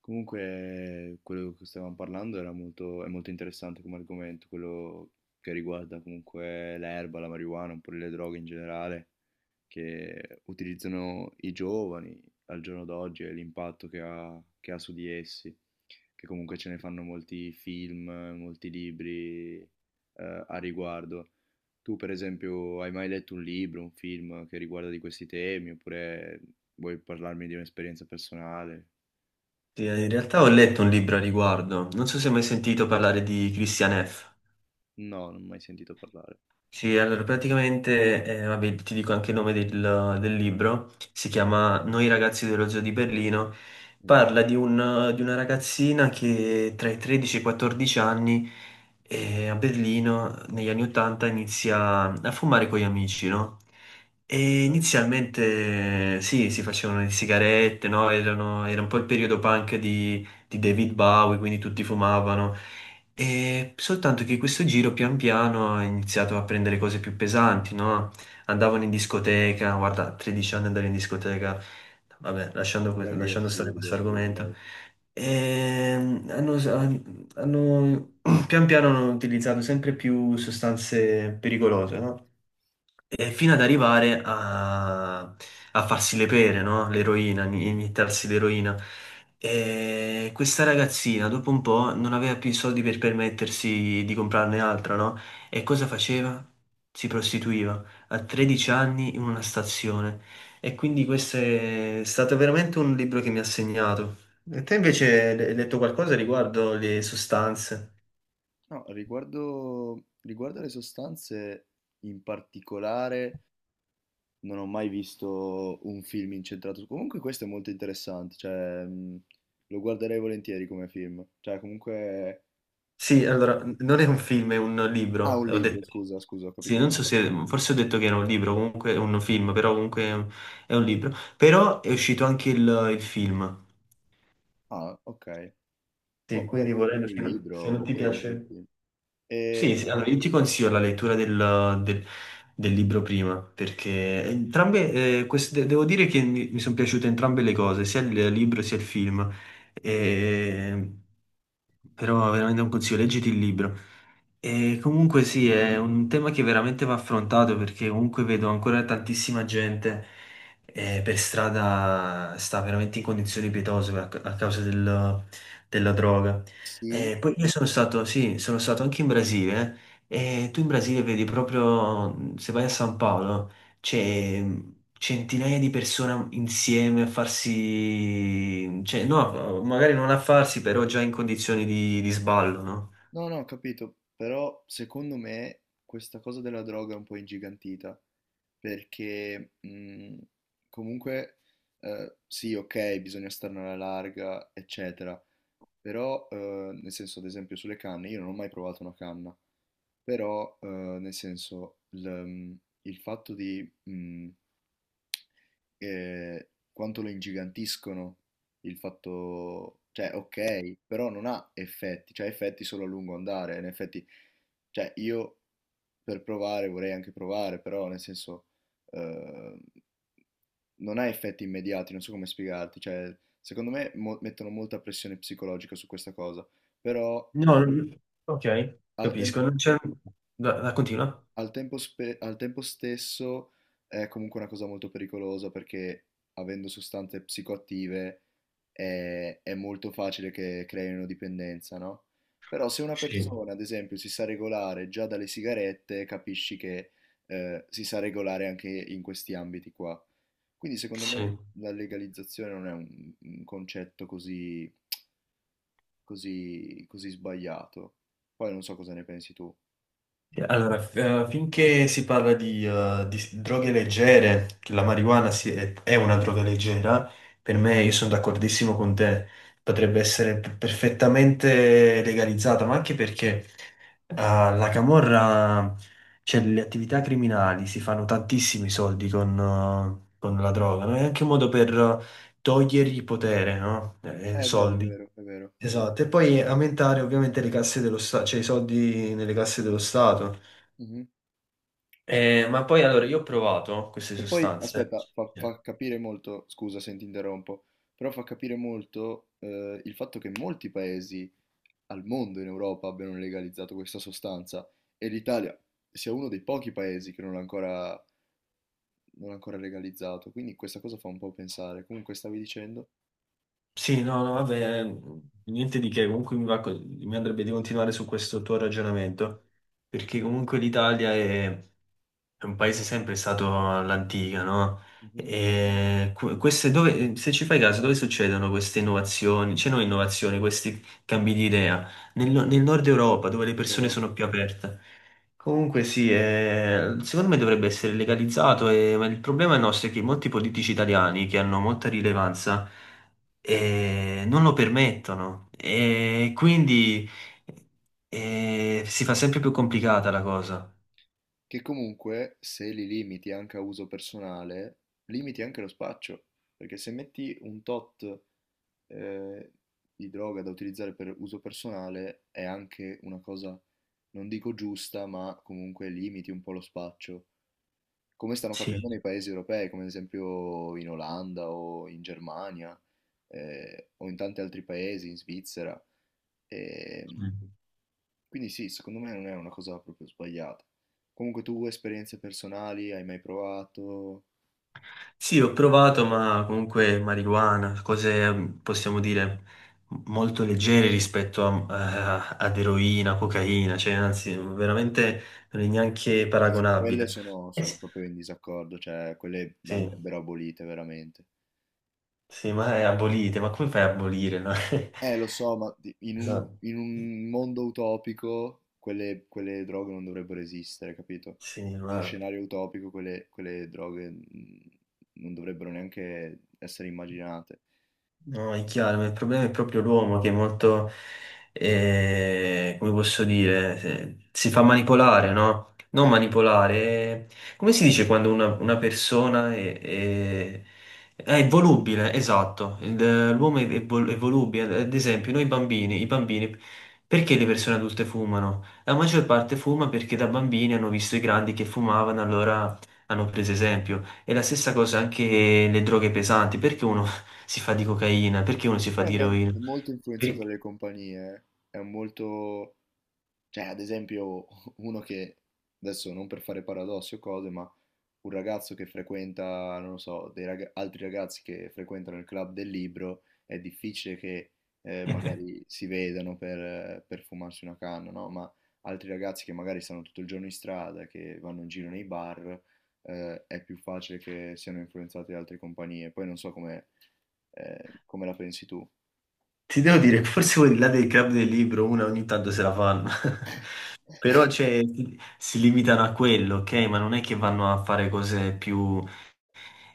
Comunque, quello che stavamo parlando era molto, è molto interessante come argomento, quello che riguarda comunque l'erba, la marijuana, un po' le droghe in generale, che utilizzano i giovani al giorno d'oggi e l'impatto che ha su di essi, che comunque ce ne fanno molti film, molti libri, a riguardo. Tu, per esempio, hai mai letto un libro, un film che riguarda di questi temi, oppure vuoi parlarmi di un'esperienza personale? Sì, in realtà ho letto un libro a riguardo, non so se hai mai sentito parlare di Christian F. No, non ho mai sentito parlare. Sì, allora praticamente, vabbè, ti dico anche il nome del libro, si chiama Noi ragazzi dello zoo di Berlino, Mh. parla di una ragazzina che tra i 13 e i 14 anni a Berlino negli anni 80 inizia a fumare con gli amici, no? E Okay. inizialmente sì, si facevano le sigarette, no? Era un po' il periodo punk di David Bowie, quindi tutti fumavano. E soltanto che questo giro pian piano ha iniziato a prendere cose più pesanti, no? Andavano in discoteca, guarda, a 13 anni andare in discoteca, vabbè, Però lì è lasciando stare questo assurdo, argomento. okay. Ehm, hanno, hanno- Pian piano hanno utilizzato sempre più sostanze pericolose, no? E fino ad arrivare a farsi le pere, no? L'eroina, iniettarsi l'eroina. E questa ragazzina, dopo un po', non aveva più i soldi per permettersi di comprarne altra, no? E cosa faceva? Si prostituiva a 13 anni in una stazione. E quindi questo è stato veramente un libro che mi ha segnato. E te invece hai letto qualcosa riguardo le sostanze? No, riguardo alle sostanze, in particolare, non ho mai visto un film incentrato su comunque questo è molto interessante, cioè, lo guarderei volentieri come film. Cioè comunque ehm Sì, allora, non è un film, è un ah, libro. un Ho libro, detto, scusa, scusa, ho sì, capito non so male. se, forse ho detto che era un libro, comunque è un film, però comunque è un libro. Però è uscito anche il film. Ah, okay. Boh, Sì, magari quindi mi volendo, compro il se libro non ti oppure guardo il piace... film. Sì, Ehm sì, allora io ti consiglio la lettura del libro prima, perché entrambe, queste- devo dire che mi sono piaciute entrambe le cose, sia il libro sia il film. E- però veramente un consiglio, leggiti il libro. E comunque sì, è un tema che veramente va affrontato perché comunque vedo ancora tantissima gente per strada sta veramente in condizioni pietose a causa della droga. sì. Poi io sono stato, sì, sono stato anche in Brasile e tu in Brasile vedi proprio, se vai a San Paolo, c'è centinaia di persone insieme a farsi, cioè no, magari non a farsi, però già in condizioni di sballo, no? No, no, ho capito, però secondo me questa cosa della droga è un po' ingigantita, perché comunque sì, ok, bisogna starne alla larga, eccetera, però nel senso, ad esempio, sulle canne, io non ho mai provato una canna, però nel senso, il fatto di Ehm, quanto lo ingigantiscono il fatto, cioè okay, però non ha effetti, cioè ha effetti solo a lungo andare. In effetti, cioè io per provare vorrei anche provare, però nel senso, ehm, non ha effetti immediati, non so come spiegarti. Cioè, secondo me mo mettono molta pressione psicologica su questa cosa, però No, non- ok, al capisco. Non tempo c'è... Continua? Al tempo, al tempo stesso è comunque una cosa molto pericolosa perché avendo sostanze psicoattive è molto facile che creino dipendenza, no? Però se una Sì, persona, ad esempio, si sa regolare già dalle sigarette, capisci che si sa regolare anche in questi ambiti qua. Quindi secondo sì. me la legalizzazione non è un concetto così, così sbagliato. Poi non so cosa ne pensi tu. Allora, finché si parla di droghe leggere, che la marijuana è una droga leggera, per me io sono d'accordissimo con te, potrebbe essere perfettamente legalizzata, ma anche perché la camorra, cioè le attività criminali, si fanno tantissimi soldi con la droga, no? È anche un modo per togliergli potere, no? È vero, è Soldi. vero, è vero. Esatto, e poi aumentare ovviamente le casse dello Stato, cioè i soldi nelle casse dello Stato. Ma poi allora io ho provato queste E poi, sostanze. aspetta, Eh, fa capire molto, scusa se ti interrompo, però fa capire molto, il fatto che molti paesi al mondo in Europa abbiano legalizzato questa sostanza e l'Italia sia uno dei pochi paesi che non l'ha ancora, non l'ha ancora legalizzato. Quindi questa cosa fa un po' pensare. Comunque stavi dicendo. Sì, no, no, vabbè, niente di che, comunque mi andrebbe di continuare su questo tuo ragionamento, perché comunque l'Italia è un paese sempre stato all'antica, no? Mhm. E queste dove, se ci fai caso, dove succedono queste innovazioni? C'è non innovazioni, questi cambi di idea? Nel nord Europa, dove le persone Però, sono più aperte. Comunque sì, secondo me dovrebbe essere legalizzato, ma il problema nostro è che molti politici italiani, che hanno molta rilevanza, non lo permettono. E quindi si fa sempre più complicata la cosa. che comunque se li limiti anche a uso personale, limiti anche lo spaccio, perché se metti un tot eh, di droga da utilizzare per uso personale è anche una cosa, non dico giusta, ma comunque limiti un po' lo spaccio. Come stanno Sì. facendo nei paesi europei, come ad esempio in Olanda o in Germania o in tanti altri paesi, in Svizzera. E quindi sì, secondo me non è una cosa proprio sbagliata. Comunque tu esperienze personali hai mai provato? Sì, ho provato, ma comunque marijuana, cose mm, possiamo dire molto leggere rispetto ad eroina, cocaina, cioè anzi, veramente non è neanche No, su quelle paragonabile. sono, Eh sono sì. proprio in disaccordo, cioè quelle Sì, andrebbero abolite veramente. sì, ma è abolite, ma come fai a abolire? No? Lo so, ma in Esatto. in un mondo utopico quelle, quelle droghe non dovrebbero esistere, capito? Sì, In uno ma... scenario utopico quelle, quelle droghe mm, non dovrebbero neanche essere immaginate. No, è chiaro, ma il problema è proprio l'uomo che è molto, come posso dire, si fa manipolare, no? Non Sì. manipolare, come si dice quando una persona è volubile, esatto. L'uomo è volubile, ad esempio noi bambini, i bambini, perché le persone adulte fumano? La maggior parte fuma perché da bambini hanno visto i grandi che fumavano, allora hanno preso esempio. E la stessa cosa anche le droghe pesanti, perché uno si fa di cocaina, perché uno si fa di Ma eroina? è molto Per- influenzato dalle compagnie, eh. È un molto... Cioè, ad esempio, uno che, adesso non per fare paradossi o cose, ma un ragazzo che frequenta, non lo so, dei altri ragazzi che frequentano il club del libro, è difficile che magari si vedano per fumarsi una canna, no? Ma altri ragazzi che magari stanno tutto il giorno in strada, che vanno in giro nei bar, è più facile che siano influenzati da altre compagnie. Poi non so come, come la pensi tu. Ti devo dire, che forse quelli là del club del libro, una ogni tanto se la fanno, però cioè, si limitano a quello, ok? Ma non è che vanno a fare cose più...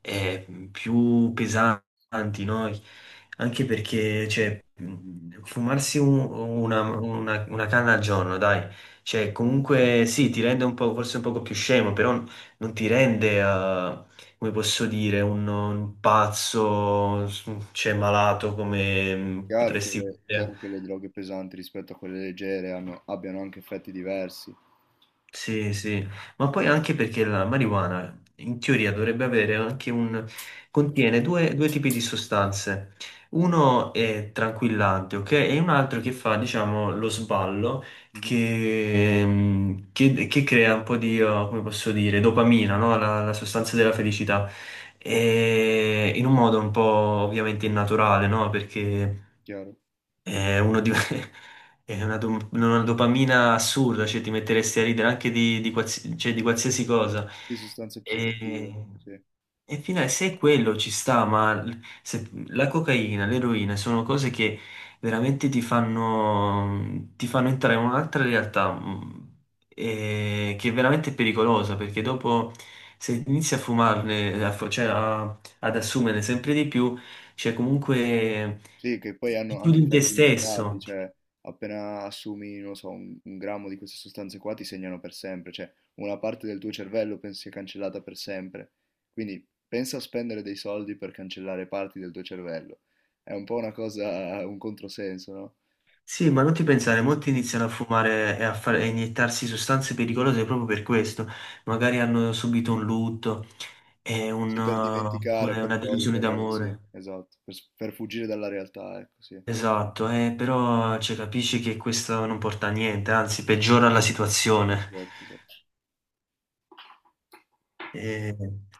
eh, più pesanti, no? Anche perché, cioè, fumarsi una canna al giorno, dai, cioè, comunque sì, ti rende un po', forse un poco più scemo, però non ti rende, come posso dire, un pazzo, cioè, malato come Chiaro che potresti... chiaro che le droghe pesanti rispetto a quelle leggere abbiano anche effetti diversi. Sì, sì, ma poi anche perché la marijuana in teoria dovrebbe avere anche un... contiene due tipi di sostanze. Uno è tranquillante, ok? E un altro che fa, diciamo, lo sballo Mhm. che che crea un po' di, oh, come posso dire, dopamina, no? La sostanza della felicità. E in un modo un po' ovviamente innaturale, no? Perché Chiaro? è, è una dopamina assurda, cioè ti metteresti a ridere anche cioè, di qualsiasi cosa. Sì, sostanze psicoattive, E, sì. e finale, se è quello ci sta, ma la cocaina, l'eroina sono cose che veramente ti fanno entrare in un'altra realtà che è veramente pericolosa, perché dopo se inizi a fumarne, a fu- cioè a- ad assumerne sempre di più, c'è comunque Sì, che poi hanno chiudi anche in te effetti immediati, stesso. cioè appena assumi, non so, un grammo di queste sostanze qua ti segnano per sempre, cioè una parte del tuo cervello pensi sia cancellata per sempre. Quindi pensa a spendere dei soldi per cancellare parti del tuo cervello. È un po' una cosa, un controsenso, no? Sì, ma non ti Sì, pensare, molti eh, iniziano a fumare a iniettarsi sostanze pericolose proprio per questo. Magari hanno subito un lutto e sì, per dimenticare, oppure per una cosa, delusione per... sì, d'amore. esatto, per, per fuggire dalla realtà, ecco, sì, Esatto, però cioè, capisci che questo non porta a niente, anzi peggiora la situazione. esatto, esatto. Eh,